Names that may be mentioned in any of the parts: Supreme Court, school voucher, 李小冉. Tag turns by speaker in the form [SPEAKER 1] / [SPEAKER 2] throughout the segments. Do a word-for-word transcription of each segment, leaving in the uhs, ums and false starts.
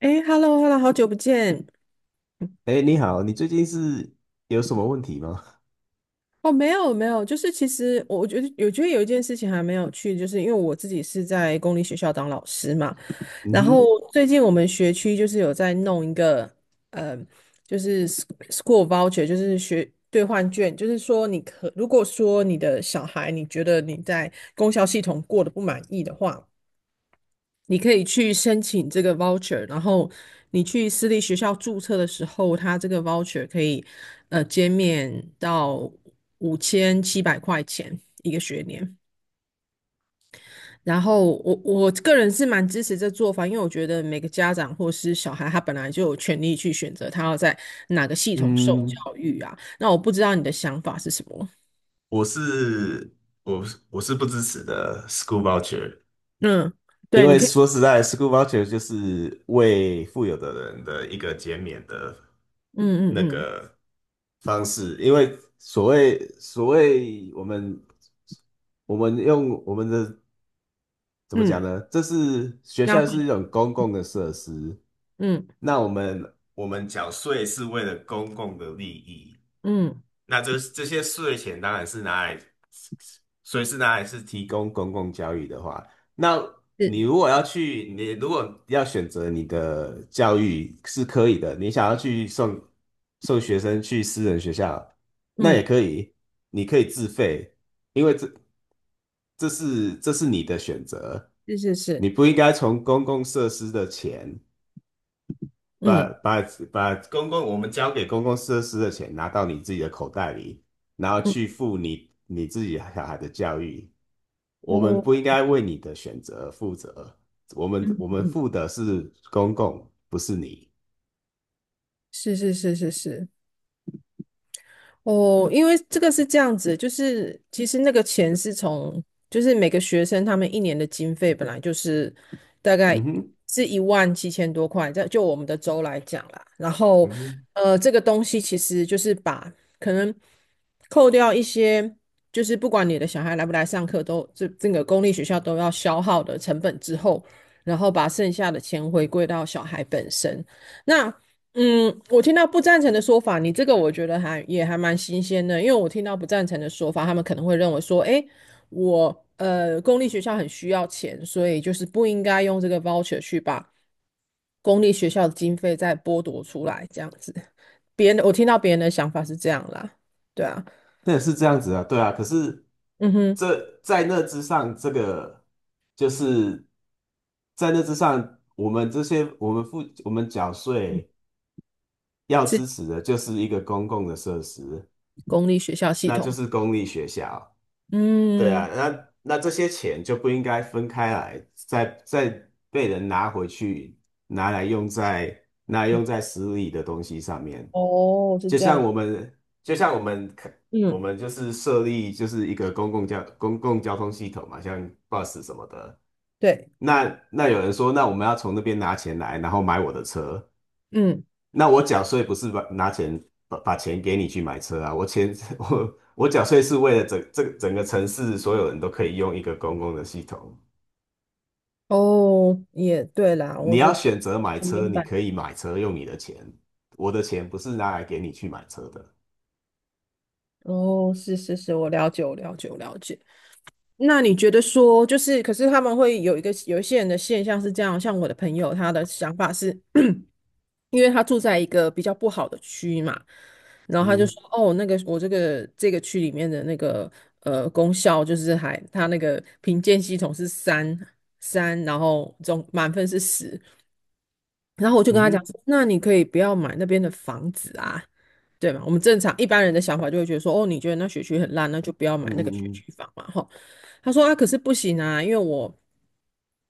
[SPEAKER 1] 哎 h e l l o h e l l o 好久不见。
[SPEAKER 2] 哎，你好，你最近是有什么问题吗？
[SPEAKER 1] 哦，没有没有，就是其实我我觉得有觉得有一件事情还没有去，就是因为我自己是在公立学校当老师嘛，
[SPEAKER 2] 嗯
[SPEAKER 1] 然后
[SPEAKER 2] 哼。
[SPEAKER 1] 最近我们学区就是有在弄一个，呃，就是 s- school voucher，就是学兑换券，就是说你可如果说你的小孩你觉得你在公校系统过得不满意的话。你可以去申请这个 voucher，然后你去私立学校注册的时候，它这个 voucher 可以呃减免到五千七百块钱一个学年。然后我我个人是蛮支持这做法，因为我觉得每个家长或是小孩，他本来就有权利去选择他要在哪个系统受
[SPEAKER 2] 嗯，
[SPEAKER 1] 教育啊。那我不知道你的想法是什么？
[SPEAKER 2] 我是我是我是不支持的 school voucher，
[SPEAKER 1] 嗯，
[SPEAKER 2] 因
[SPEAKER 1] 对，你
[SPEAKER 2] 为
[SPEAKER 1] 可以，
[SPEAKER 2] 说实在，school voucher 就是为富有的人的一个减免的
[SPEAKER 1] 嗯嗯
[SPEAKER 2] 那
[SPEAKER 1] 嗯
[SPEAKER 2] 个，方式，因为所谓所谓我们我们用我们的怎么讲
[SPEAKER 1] 嗯，
[SPEAKER 2] 呢？这是学校是一
[SPEAKER 1] 那
[SPEAKER 2] 种公共的设施，
[SPEAKER 1] 嗯
[SPEAKER 2] 那我们我们缴税是为了公共的利益，
[SPEAKER 1] 嗯，
[SPEAKER 2] 那这这些税钱当然是拿来所以是拿来是提供公共教育的话，那你
[SPEAKER 1] 是，
[SPEAKER 2] 如果要去，你如果要选择你的教育是可以的，你想要去送送学生去私人学校，那也
[SPEAKER 1] 嗯
[SPEAKER 2] 可以，你可以自费，因为这这是这是你的选择，
[SPEAKER 1] 是是
[SPEAKER 2] 你
[SPEAKER 1] 是，
[SPEAKER 2] 不应该从公共设施的钱。
[SPEAKER 1] 嗯。
[SPEAKER 2] 把
[SPEAKER 1] 嗯
[SPEAKER 2] 把把公共我们交给公共设施的钱拿到你自己的口袋里，然后去付你你自己小孩的教育。我们
[SPEAKER 1] 哦，
[SPEAKER 2] 不应该为你的选择而负责，我们我们
[SPEAKER 1] 嗯
[SPEAKER 2] 负的是公共，不是你。
[SPEAKER 1] 是是是是是，哦，因为这个是这样子，就是其实那个钱是从，就是每个学生他们一年的经费本来就是大概
[SPEAKER 2] 嗯哼。
[SPEAKER 1] 是一万七千多块，在就我们的州来讲啦，然后
[SPEAKER 2] 嗯哼。
[SPEAKER 1] 呃，这个东西其实就是把可能扣掉一些，就是不管你的小孩来不来上课都，这这个公立学校都要消耗的成本之后，然后把剩下的钱回归到小孩本身。那嗯，我听到不赞成的说法，你这个我觉得还也还蛮新鲜的，因为我听到不赞成的说法，他们可能会认为说，诶，我呃公立学校很需要钱，所以就是不应该用这个 voucher 去把公立学校的经费再剥夺出来，这样子。别人我听到别人的想法是这样啦，对啊，
[SPEAKER 2] 那是这样子啊，对啊。可是
[SPEAKER 1] 嗯哼，
[SPEAKER 2] 这在那之上，这个就是在那之上，我们这些我们付我们缴税要
[SPEAKER 1] 是
[SPEAKER 2] 支持的，就是一个公共的设施。
[SPEAKER 1] 公立学校系
[SPEAKER 2] 那就
[SPEAKER 1] 统，
[SPEAKER 2] 是公立学校。对啊，
[SPEAKER 1] 嗯，
[SPEAKER 2] 那那这些钱就不应该分开来，再再被人拿回去，拿来用在拿来
[SPEAKER 1] 嗯
[SPEAKER 2] 用在私立的东西上面。
[SPEAKER 1] 哦，是
[SPEAKER 2] 就
[SPEAKER 1] 这
[SPEAKER 2] 像
[SPEAKER 1] 样，
[SPEAKER 2] 我们，就像我们看我
[SPEAKER 1] 嗯，
[SPEAKER 2] 们就是设立就是一个公共交公共交通系统嘛，像 bus 什么的。
[SPEAKER 1] 对，
[SPEAKER 2] 那那有人说，那我们要从那边拿钱来，然后买我的车。
[SPEAKER 1] 嗯，
[SPEAKER 2] 那我缴税不是把拿钱把把钱给你去买车啊，我钱 我我缴税是为了整这整个城市所有人都可以用一个公共的系统。
[SPEAKER 1] 哦，也对啦，
[SPEAKER 2] 你
[SPEAKER 1] 我觉
[SPEAKER 2] 要
[SPEAKER 1] 得
[SPEAKER 2] 选择买
[SPEAKER 1] 我
[SPEAKER 2] 车，
[SPEAKER 1] 明
[SPEAKER 2] 你
[SPEAKER 1] 白。
[SPEAKER 2] 可以买车用你的钱，我的钱不是拿来给你去买车的。
[SPEAKER 1] 哦，是是是，我了解，我了解，我了解。那你觉得说，就是，可是他们会有一个有一些人的现象是这样，像我的朋友，他的想法是，因为他住在一个比较不好的区嘛，然后他就
[SPEAKER 2] 嗯。
[SPEAKER 1] 说，哦，那个我这个这个区里面的那个呃功效就是还他那个评鉴系统是三三，然后总满分是十，然后我就跟
[SPEAKER 2] 嗯
[SPEAKER 1] 他讲
[SPEAKER 2] 哼。
[SPEAKER 1] 说那你可以不要买那边的房子啊，对吗？我们正常一般人的想法就会觉得说，哦，你觉得那学区很烂，那就不要
[SPEAKER 2] 嗯
[SPEAKER 1] 买那个学
[SPEAKER 2] 嗯嗯。
[SPEAKER 1] 区房嘛，吼。他说啊，可是不行啊，因为我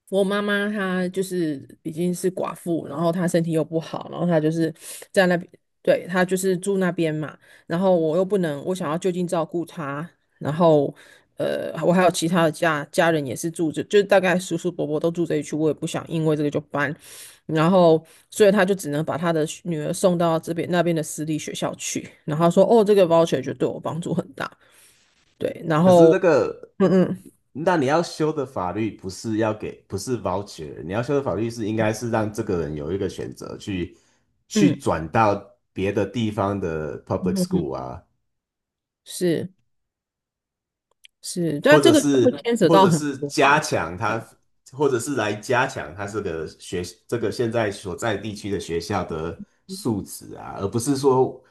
[SPEAKER 1] 我妈妈她就是已经是寡妇，然后她身体又不好，然后她就是在那边，对，她就是住那边嘛，然后我又不能，我想要就近照顾她，然后。呃，我还有其他的家家人也是住着，就是大概叔叔伯伯都住这一区，我也不想因为这个就搬。然后所以他就只能把他的学女儿送到这边那边的私立学校去。然后他说，哦，这个 voucher 就对我帮助很大。对，然
[SPEAKER 2] 可是
[SPEAKER 1] 后
[SPEAKER 2] 那个，
[SPEAKER 1] 嗯
[SPEAKER 2] 那你要修的法律不是要给，不是 voucher，你要修的法律是应该是让这个人有一个选择去去
[SPEAKER 1] 嗯
[SPEAKER 2] 转到别的地方的
[SPEAKER 1] 嗯
[SPEAKER 2] public
[SPEAKER 1] 嗯嗯嗯，
[SPEAKER 2] school 啊，
[SPEAKER 1] 是是，
[SPEAKER 2] 或
[SPEAKER 1] 但这
[SPEAKER 2] 者
[SPEAKER 1] 个会
[SPEAKER 2] 是
[SPEAKER 1] 牵扯
[SPEAKER 2] 或
[SPEAKER 1] 到
[SPEAKER 2] 者
[SPEAKER 1] 很
[SPEAKER 2] 是
[SPEAKER 1] 多吧？
[SPEAKER 2] 加强他，或者是来加强他这个学这个现在所在地区的学校的素质啊，而不是说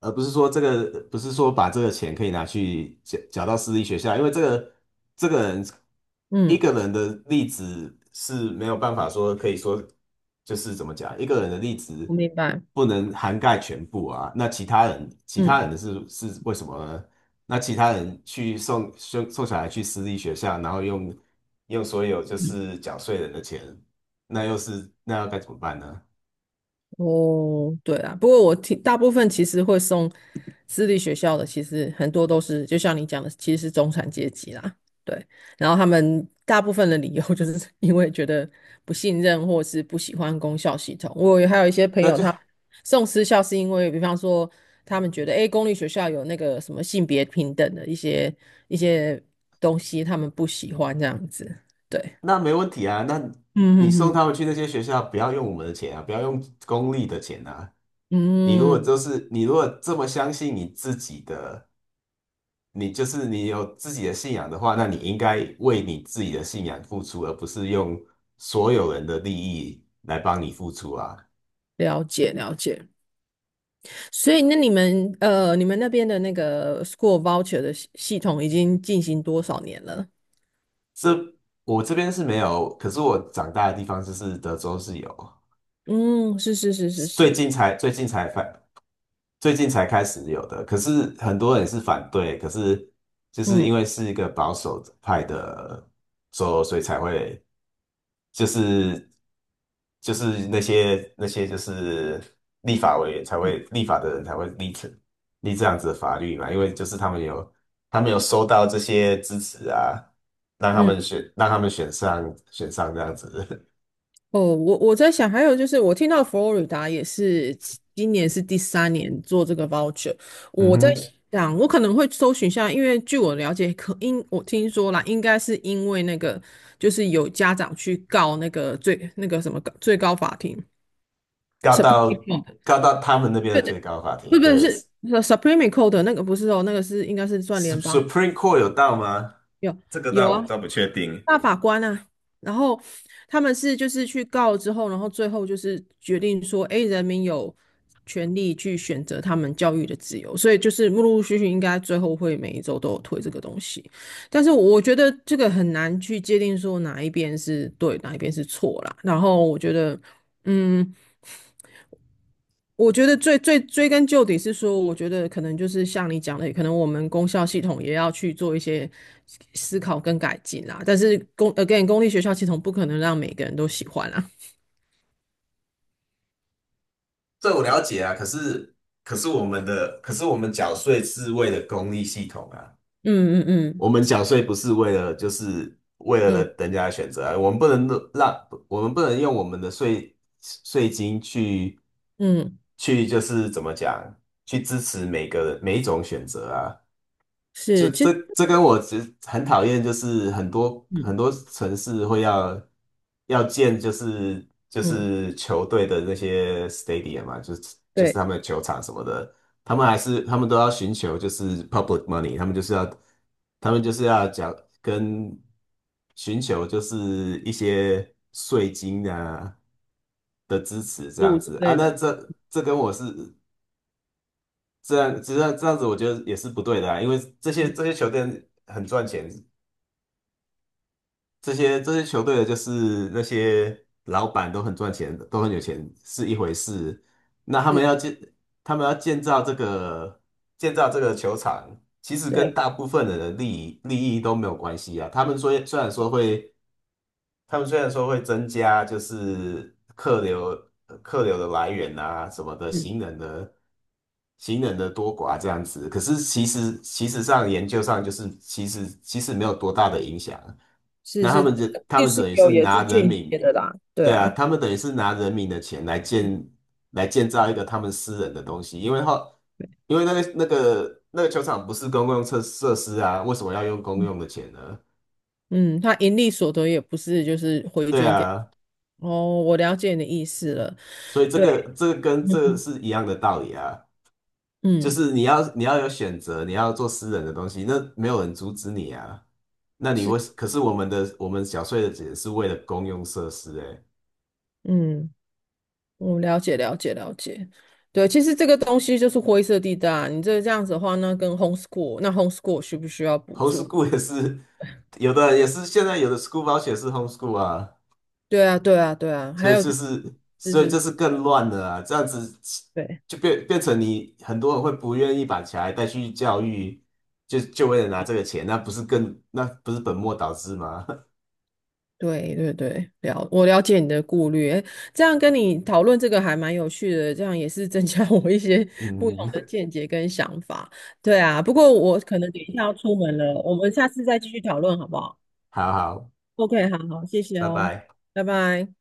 [SPEAKER 2] 而不是说这个不是说把这个钱可以拿去缴缴到私立学校，因为这个这个人一
[SPEAKER 1] 嗯，
[SPEAKER 2] 个人的例子是没有办法说可以说就是怎么讲，一个人的例子
[SPEAKER 1] 我明白。
[SPEAKER 2] 不能涵盖全部啊，那其他人其他
[SPEAKER 1] 嗯。
[SPEAKER 2] 人的是是为什么呢？那其他人去送送送小孩去私立学校，然后用用所有就
[SPEAKER 1] 嗯
[SPEAKER 2] 是缴税人的钱，那又是那要该怎么办呢？
[SPEAKER 1] 哦，对啊，不过我听大部分其实会送私立学校的，其实很多都是就像你讲的，其实是中产阶级啦。对，然后他们大部分的理由 就是因为觉得不信任或是不喜欢公校系统。我有还有一些朋
[SPEAKER 2] 那
[SPEAKER 1] 友
[SPEAKER 2] 就
[SPEAKER 1] 他送私校是因为，比方说他们觉得，诶，公立学校有那个什么性别平等的一些一些东西，他们不喜欢这样子。对，
[SPEAKER 2] 那没问题啊，那你
[SPEAKER 1] 嗯
[SPEAKER 2] 送
[SPEAKER 1] 嗯
[SPEAKER 2] 他们去那些学校，不要用我们的钱啊，不要用公立的钱啊。你如
[SPEAKER 1] 嗯
[SPEAKER 2] 果
[SPEAKER 1] 嗯，
[SPEAKER 2] 就是你如果这么相信你自己的，你就是你有自己的信仰的话，那你应该为你自己的信仰付出，而不是用所有人的利益来帮你付出啊。
[SPEAKER 1] 了解了解。所以那你们呃，你们那边的那个 school voucher 的系系统已经进行多少年了？
[SPEAKER 2] 这我这边是没有，可是我长大的地方就是德州是有，
[SPEAKER 1] 嗯，是是是是
[SPEAKER 2] 最
[SPEAKER 1] 是，
[SPEAKER 2] 近才最近才反最近才开始有的。可是很多人是反对，可是就是
[SPEAKER 1] 嗯
[SPEAKER 2] 因为是一个保守派的州，所以才会就是就是那些那些就是立法委员才会立法的人才会立成立这样子的法律嘛，因为就是他们有他们有收到这些支持啊，让他
[SPEAKER 1] 嗯
[SPEAKER 2] 们选让他们选上选上这样子。
[SPEAKER 1] 哦，我我在想，还有就是我听到佛罗里达也是今年是第三年做这个 voucher，
[SPEAKER 2] 嗯
[SPEAKER 1] 我在
[SPEAKER 2] 哼。
[SPEAKER 1] 想，我可能会搜寻一下，因为据我了解，可因我听说啦，应该是因为那个就是有家长去告那个最那个什么最高法庭
[SPEAKER 2] 告
[SPEAKER 1] s u p
[SPEAKER 2] 到
[SPEAKER 1] r
[SPEAKER 2] 告到他们那边的最高法
[SPEAKER 1] 不
[SPEAKER 2] 庭，
[SPEAKER 1] 不
[SPEAKER 2] 对
[SPEAKER 1] 是呃 Supreme Court 的那个不是哦，那个是应该是算联邦的
[SPEAKER 2] ，Sup-，Supreme Court 有到吗？
[SPEAKER 1] 有
[SPEAKER 2] 这个
[SPEAKER 1] 有
[SPEAKER 2] 倒我
[SPEAKER 1] 啊，
[SPEAKER 2] 倒不确定，
[SPEAKER 1] 大法官啊，然后他们是就是去告之后，然后最后就是决定说，哎，人民有权利去选择他们教育的自由，所以就是陆陆续续应该最后会每一周都有推这个东西，但是我觉得这个很难去界定说哪一边是对，哪一边是错啦，然后我觉得。嗯，我觉得最最追根究底是说，我觉得可能就是像你讲的，可能我们公校系统也要去做一些思考跟改进啦。但是公 again 公立学校系统不可能让每个人都喜欢啦。
[SPEAKER 2] 这我了解啊。可是可是我们的可是我们缴税是为了公益系统啊，
[SPEAKER 1] 嗯嗯嗯
[SPEAKER 2] 我们缴税不是为了就是为了
[SPEAKER 1] 嗯
[SPEAKER 2] 人人家的选择啊，我们不能让我们不能用我们的税税金去
[SPEAKER 1] 嗯，
[SPEAKER 2] 去就是怎么讲去支持每个每一种选择啊。就
[SPEAKER 1] 是，其
[SPEAKER 2] 这
[SPEAKER 1] 实
[SPEAKER 2] 这跟我其实很讨厌，就是很多
[SPEAKER 1] 嗯
[SPEAKER 2] 很多城市会要要建，就是就
[SPEAKER 1] 嗯，
[SPEAKER 2] 是球队的那些 stadium 嘛，就是就是
[SPEAKER 1] 对，
[SPEAKER 2] 他们的球场什么的，他们还是他们都要寻求就是 public money，他们就是要他们就是要讲跟寻求就是一些税金啊的支持这样
[SPEAKER 1] 路之
[SPEAKER 2] 子啊，
[SPEAKER 1] 类
[SPEAKER 2] 那
[SPEAKER 1] 的，
[SPEAKER 2] 这这跟我是这样，这样这样子，我觉得也是不对的啊，因为这些
[SPEAKER 1] 嗯，
[SPEAKER 2] 这些球队很赚钱，这些这些球队的就是那些老板都很赚钱，都很有钱是一回事。那他们
[SPEAKER 1] 是，
[SPEAKER 2] 要建，他们要建造这个建造这个球场，其实跟
[SPEAKER 1] 对，
[SPEAKER 2] 大部分人的利益利益都没有关系啊。他们说虽然说会他们虽然说会增加就是客流呃客流的来源啊什么的，
[SPEAKER 1] 嗯，
[SPEAKER 2] 行人的行人的多寡这样子，可是其实其实上研究上就是其实其实没有多大的影响。
[SPEAKER 1] 是
[SPEAKER 2] 那他
[SPEAKER 1] 是，
[SPEAKER 2] 们这他
[SPEAKER 1] 律
[SPEAKER 2] 们
[SPEAKER 1] 师
[SPEAKER 2] 等于是
[SPEAKER 1] 有也
[SPEAKER 2] 拿
[SPEAKER 1] 是
[SPEAKER 2] 人
[SPEAKER 1] 间接
[SPEAKER 2] 民，
[SPEAKER 1] 的啦，对
[SPEAKER 2] 对啊，
[SPEAKER 1] 啊，
[SPEAKER 2] 他们等于是拿人民的钱来建来建造一个他们私人的东西，因为后
[SPEAKER 1] 对
[SPEAKER 2] 因为那个那个那个球场不是公共设设施啊，为什么要用公
[SPEAKER 1] 嗯，
[SPEAKER 2] 用的钱呢？
[SPEAKER 1] 嗯，他盈利所得也不是就是回
[SPEAKER 2] 对
[SPEAKER 1] 捐给，
[SPEAKER 2] 啊。
[SPEAKER 1] 哦，我了解你的意思了，
[SPEAKER 2] 所以这
[SPEAKER 1] 对，
[SPEAKER 2] 个这个跟这个是一样的道理啊，就
[SPEAKER 1] 嗯。
[SPEAKER 2] 是你要你要有选择，你要做私人的东西，那没有人阻止你啊。那你
[SPEAKER 1] 是。
[SPEAKER 2] 为，可是我们的我们缴税的钱是为了公用设施、欸，哎
[SPEAKER 1] 嗯，我了解了解了解。对，其实这个东西就是灰色地带啊你这这样子的话，那跟 homeschool，那 homeschool 需不需要补助？
[SPEAKER 2] ，homeschool 也是有的也是现在有的 school v o 是 homeschool 啊，
[SPEAKER 1] 对啊，对啊，对啊。
[SPEAKER 2] 所
[SPEAKER 1] 还
[SPEAKER 2] 以
[SPEAKER 1] 有
[SPEAKER 2] 就是
[SPEAKER 1] 就
[SPEAKER 2] 所以
[SPEAKER 1] 是，
[SPEAKER 2] 这是更乱的啊，这样子
[SPEAKER 1] 对
[SPEAKER 2] 就变变成你很多人会不愿意把小孩带去教育，就就为了拿这个钱，那不是更那不是本末倒置吗？
[SPEAKER 1] 对对对，了，我了解你的顾虑。诶这样跟你讨论这个还蛮有趣的，这样也是增加 我一些不同的
[SPEAKER 2] 嗯，
[SPEAKER 1] 见解跟想法。对啊，不过我可能等一下要出门了，我们下次再继续讨论好不好
[SPEAKER 2] 好好，
[SPEAKER 1] ？OK，好好，谢谢
[SPEAKER 2] 拜
[SPEAKER 1] 哦，
[SPEAKER 2] 拜。
[SPEAKER 1] 拜拜。